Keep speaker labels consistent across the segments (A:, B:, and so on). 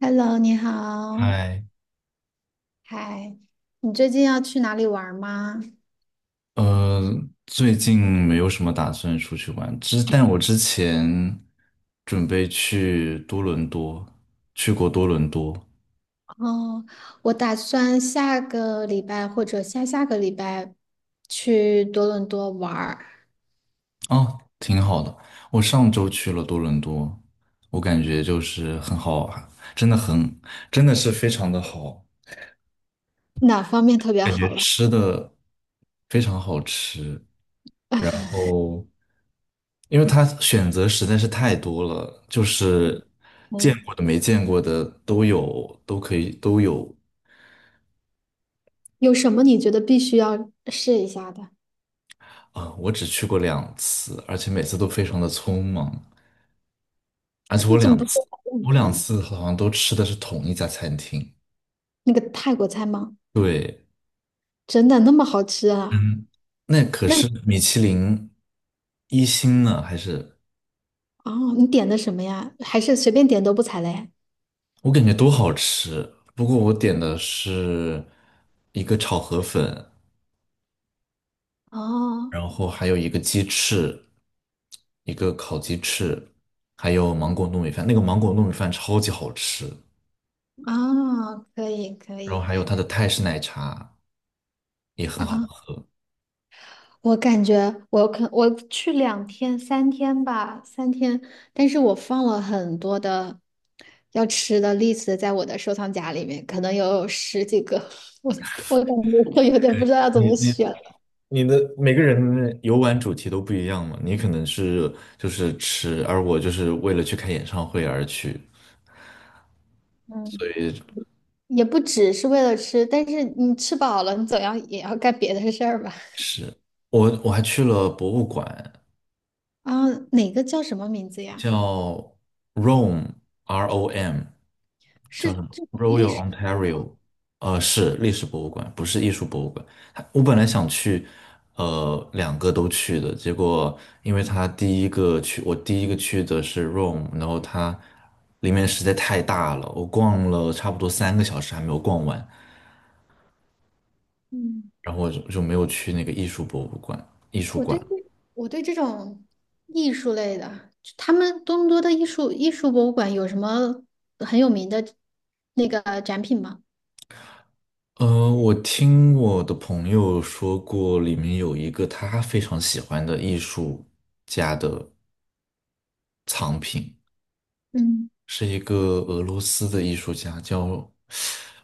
A: Hello，你好，
B: 嗨，
A: 嗨，你最近要去哪里玩吗？
B: 呃，最近没有什么打算出去玩，但我之前准备去多伦多，去过多伦多。
A: 哦，我打算下个礼拜或者下下个礼拜去多伦多玩儿。
B: 哦，挺好的。我上周去了多伦多，我感觉就是很好玩，真的很，真的是非常的好，
A: 哪方面特别
B: 感
A: 好
B: 觉
A: 了？
B: 吃的非常好吃。然 后因为它选择实在是太多了，就是见
A: 嗯，
B: 过的、没见过的都有，都可以都有。
A: 有什么你觉得必须要试一下的？
B: 啊、我只去过两次，而且每次都非常的匆忙，而且
A: 你
B: 我
A: 怎么
B: 两
A: 不
B: 次，
A: 说法棍
B: 我两
A: 片？
B: 次好像都吃的是同一家餐厅。
A: 那个泰国菜吗？
B: 对。
A: 真的那么好吃啊？
B: 嗯，那可
A: 那
B: 是米其林一星呢，还是
A: 哦，你点的什么呀？还是随便点都不踩雷？
B: 我感觉都好吃。不过我点的是一个炒河粉，
A: 哦，
B: 然后还有一个烤鸡翅，还有芒果糯米饭。那个芒果糯米饭超级好吃，
A: 啊，可以可
B: 然后
A: 以。
B: 还有它的泰式奶茶也很好
A: 啊。
B: 喝。
A: 我感觉我去两天三天吧，三天，但是我放了很多的要吃的 l 子在我的收藏夹里面，可能有十几个，我我感觉我有点不知道要怎
B: 你
A: 么
B: 你
A: 选了。
B: 你的每个人的游玩主题都不一样嘛，你可能是就是吃，而我就是为了去看演唱会而去，所
A: 嗯，
B: 以
A: 也不只是为了吃，但是你吃饱了，你总要也要干别的事儿吧？
B: 是我还去了博物馆，
A: 啊，哪个叫什么名字呀？
B: 叫 Rome，ROM,
A: 是
B: 叫什么
A: 这种历
B: Royal
A: 史的吧？
B: Ontario,是历史博物馆，不是艺术博物馆。它我本来想去，两个都去的，结果因为他第一个去，我第一个去的是 Rome,然后它里面实在太大了，我逛了差不多三个小时还没有逛完，
A: 嗯
B: 然后我就没有去那个艺术博物馆、艺术
A: 我
B: 馆。
A: 对这我对这种艺术类的，就他们多伦多的艺术博物馆有什么很有名的那个展品吗？
B: 我听我的朋友说过，里面有一个他非常喜欢的艺术家的藏品，
A: 嗯，
B: 是一个俄罗斯的艺术家，叫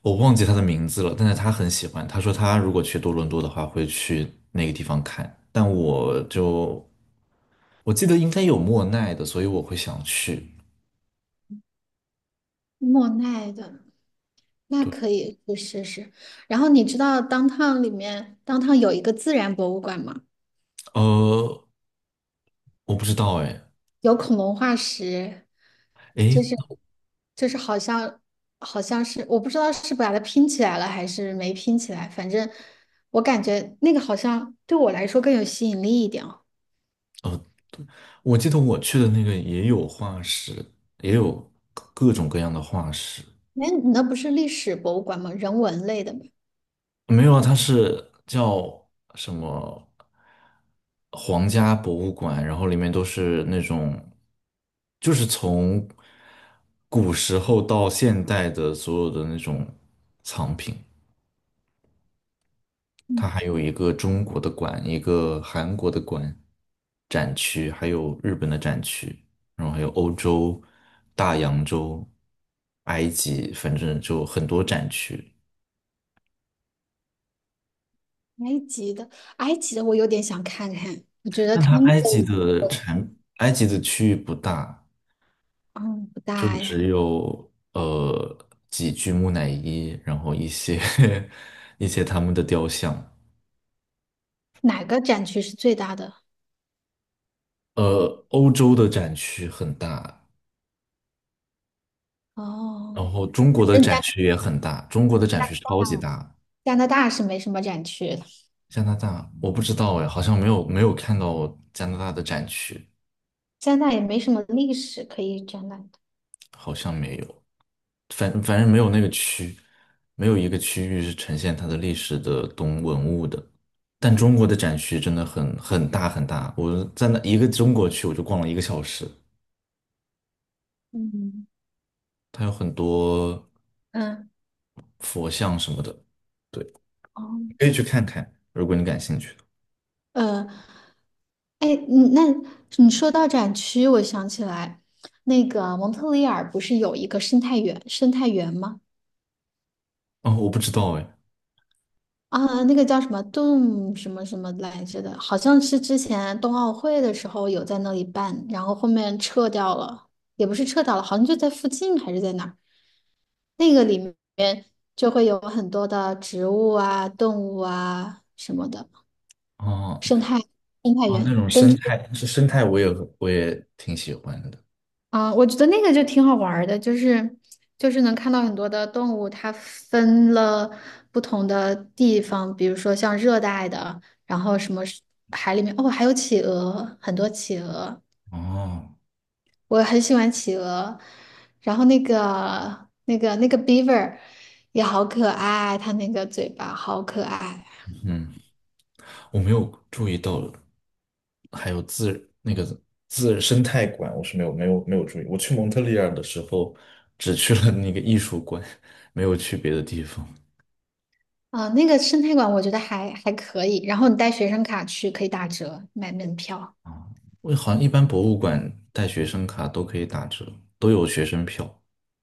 B: 我忘记他的名字了，但是他很喜欢。他说他如果去多伦多的话，会去那个地方看。但我就我记得应该有莫奈的，所以我会想去。
A: 莫奈的，那
B: 对。
A: 可以去试试。然后你知道 downtown 里面 downtown 有一个自然博物馆吗？
B: 呃，我不知道哎。
A: 有恐龙化石，就
B: 诶，
A: 是就是好像好像是我不知道是把它拼起来了还是没拼起来，反正我感觉那个好像对我来说更有吸引力一点哦。
B: 我记得我去的那个也有化石，也有各种各样的化石。
A: 哎，你那不是历史博物馆吗？人文类的吗？
B: 没有啊，它是叫什么皇家博物馆，然后里面都是那种，就是从古时候到现代的所有的那种藏品。它还有一个中国的馆，一个韩国的馆展区，还有日本的展区，然后还有欧洲、大洋洲、埃及，反正就很多展区。
A: 埃及的，埃及的我有点想看看。他
B: 但它
A: 们
B: 埃及
A: 的，
B: 的产，埃及的区域不大，
A: 嗯，不
B: 就
A: 大呀。
B: 只有几具木乃伊，然后一些 一些他们的雕像。
A: 哪个展区是最大的？
B: 欧洲的展区很大，
A: 哦，
B: 然后中国的
A: 嗯加
B: 展
A: 拿
B: 区也很大，中国的展
A: 大，
B: 区超级大。
A: 加拿大是没什么展区的，
B: 加拿大我不知道哎，好像没有看到加拿大的展区。
A: 加拿大也没什么历史可以展览的。
B: 好像没有，反正没有那个区，没有一个区域是呈现它的历史的东文物的。但中国的展区真的很大很大，我在那一个中国区我就逛了一个小时，
A: 嗯
B: 它有很多
A: 嗯，
B: 佛像什么的。对，
A: 哦，
B: 可以去看看，如果你感兴趣。
A: 呃，哎，你说到展区，我想起来，那个蒙特利尔不是有一个生态园吗？
B: 哦，我不知道哎。
A: 啊，那个叫什么动什么什么来着的，好像是之前冬奥会的时候有在那里办，然后后面撤掉了，也不是撤掉了，好像就在附近还是在哪儿，那个里面就会有很多的植物啊、动物啊什么的
B: 哦
A: 生态生态
B: 哦，那
A: 园，
B: 种
A: 根
B: 生
A: 据
B: 态是生态，我也挺喜欢的。
A: 啊，我觉得那个就挺好玩儿的，能看到很多的动物，它分了不同的地方，比如说像热带的。然后什么哦，还有企鹅，很多企鹅，
B: 哦。
A: 我很喜欢企鹅。然后那个、那个、那个 beaver 也好可爱，它那个嘴巴好可爱
B: 嗯。我没有注意到，还有自那个自生态馆，我是没有注意。我去蒙特利尔的时候，只去了那个艺术馆，没有去别的地方。
A: 啊、那个生态馆我觉得还可以。然后你带学生卡去可以打折买门票，
B: 啊。我好像一般博物馆带学生卡都可以打折，都有学生票。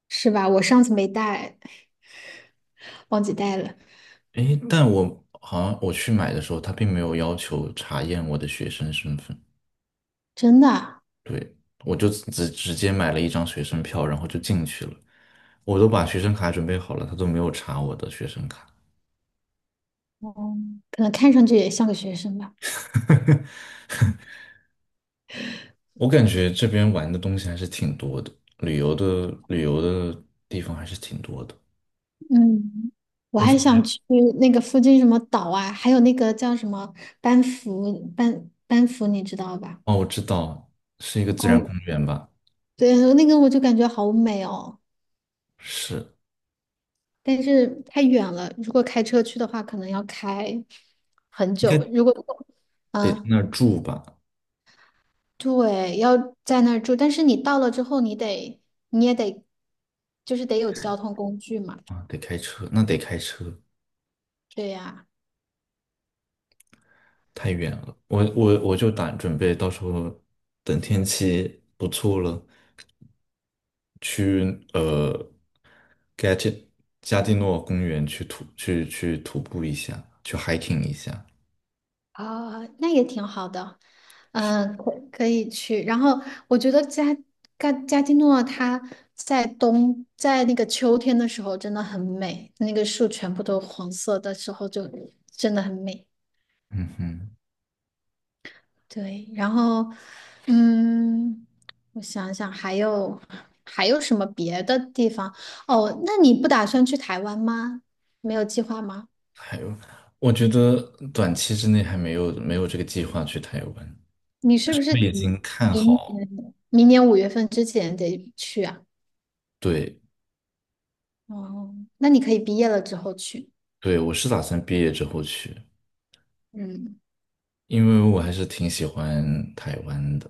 A: 是吧？我上次没带，忘记带了，
B: 诶，但我好像我去买的时候，他并没有要求查验我的学生身份。
A: 真的。
B: 对，我就直接买了一张学生票，然后就进去了。我都把学生卡准备好了，他都没有查我的学生卡。
A: 哦，可能看上去也像个学生吧。
B: 我感觉这边玩的东西还是挺多的，旅游的地方还是挺多的。
A: 嗯，我
B: 我
A: 还
B: 准
A: 想
B: 备
A: 去那个附近什么岛啊，还有那个叫什么班夫，班班夫，你知道吧？
B: 哦，我知道是一个自然
A: 哦，
B: 公园吧？
A: 对，那个我就感觉好美哦，
B: 是，
A: 但是太远了，如果开车去的话，可能要开很
B: 应
A: 久。
B: 该
A: 如果，
B: 得在
A: 嗯，
B: 那儿住吧？
A: 对，要在那儿住，但是你到了之后，你得，你也得，就是得有交通工具嘛。
B: 啊，得开车，那得开车，
A: 对呀、
B: 太远了。我就准备到时候等天气不错了，去呃 GET 加蒂诺公园去徒步一下，去 hiking 一下。
A: 啊、那也挺好的，嗯，可以去。然后我觉得加基诺它在那个秋天的时候真的很美，那个树全部都黄色的时候就真的很美。
B: 嗯哼。
A: 对，然后嗯，我想想还有什么别的地方？哦，那你不打算去台湾吗？没有计划吗？
B: 还有，我觉得短期之内还没有这个计划去台湾。
A: 你是不是
B: 我
A: 得
B: 已经看
A: 明
B: 好，
A: 年明年五月份之前得去啊？
B: 对，
A: 哦，那你可以毕业了之后去。
B: 对，我是打算毕业之后去，
A: 嗯
B: 因为我还是挺喜欢台湾的。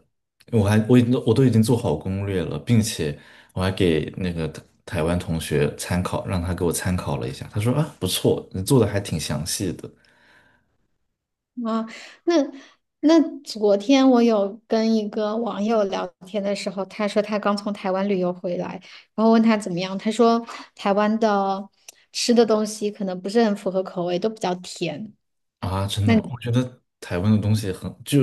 B: 我都已经做好攻略了，并且我还给那个台湾同学参考，让他给我参考了一下。他说啊，不错，你做的还挺详细的。
A: 啊，那那昨天我有跟一个网友聊天的时候，他说他刚从台湾旅游回来，然后问他怎么样，他说台湾的吃的东西可能不是很符合口味，都比较甜。
B: 啊，真的
A: 那
B: 吗？
A: 你
B: 我觉得台湾的东西很，就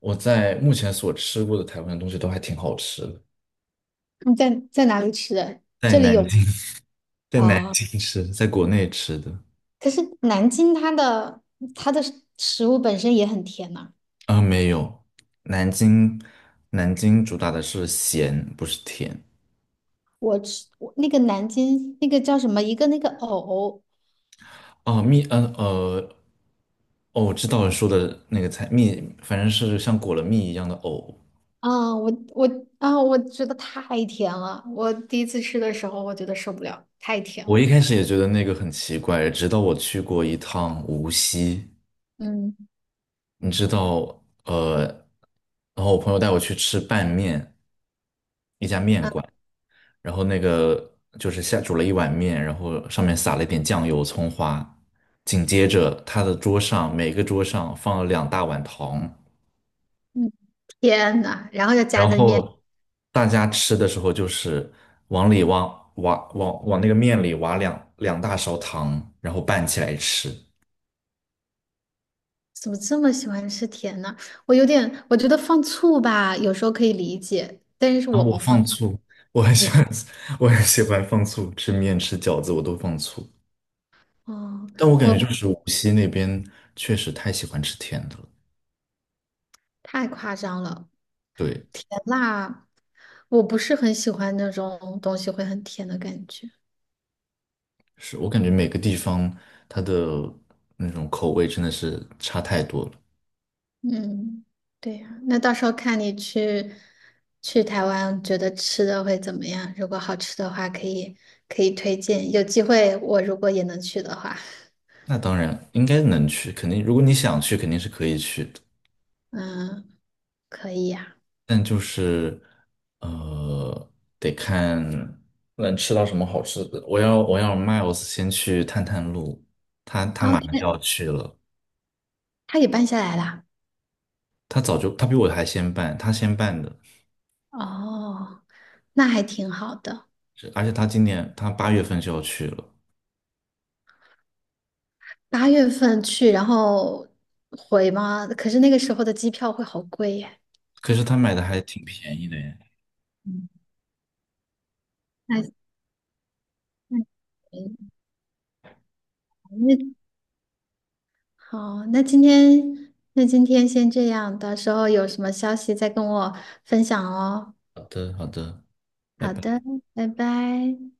B: 我在目前所吃过的台湾的东西都还挺好吃的。
A: 在哪里吃的？
B: 在
A: 这里
B: 南
A: 有
B: 京。在南
A: 啊，
B: 京吃，在国内吃的。
A: 可是南京它的它的食物本身也很甜呐、
B: 啊，没有，南京南京主打的是咸，不是甜。
A: 我吃我那个南京那个叫什么一个那个藕。
B: 哦，蜜，哦，我知道你说的那个菜，蜜，反正是像裹了蜜一样的藕。
A: 啊，我啊，我觉得太甜了。我第一次吃的时候，我觉得受不了，太甜了。
B: 我一开始也觉得那个很奇怪，直到我去过一趟无锡，
A: 嗯
B: 你知道，然后我朋友带我去吃拌面，
A: 啊，
B: 然后那个就是下煮了一碗面，然后上面撒了一点酱油、葱花。紧接着，他的桌上每个桌上放了两大碗糖，
A: 嗯，天呐，然后又夹
B: 然
A: 在面，
B: 后大家吃的时候就是往里挖挖往往那个面里挖两大勺糖，然后拌起来吃。
A: 怎么这么喜欢吃甜呢？我有点，我觉得放醋吧，有时候可以理解，但是
B: 啊，
A: 我
B: 我
A: 不放。
B: 放醋，我很
A: 你，
B: 喜欢，我很喜欢放醋，吃面吃饺子我都放醋。
A: 哦，
B: 但我感觉
A: 我
B: 就是无锡那边确实太喜欢吃甜的了，
A: 太夸张了，
B: 对，
A: 甜辣，我不是很喜欢那种东西会很甜的感觉。
B: 是我感觉每个地方它的那种口味真的是差太多了。
A: 嗯，对呀，那到时候看去台湾，觉得吃的会怎么样？如果好吃的话，可以推荐。有机会，我如果也能去的话，
B: 那当然应该能去，肯定如果你想去，肯定是可以去的。
A: 嗯，可以呀。
B: 但就是呃，得看能吃到什么好吃的。我要 Miles 先去探探路，
A: 哦，
B: 马上就要去了。
A: 他也办下来啦。
B: 他早就他比我还先办，他先办的，
A: 哦，那还挺好的。
B: 是而且他今年他八月份就要去了，
A: 八月份去，然后回吗？可是那个时候的机票会好贵耶。
B: 可是他买的还挺便宜的耶。
A: 嗯，那那嗯那好，那今天先这样，到时候有什么消息再跟我分享哦。
B: 好的，好的，拜
A: 好的，
B: 拜。
A: 拜拜。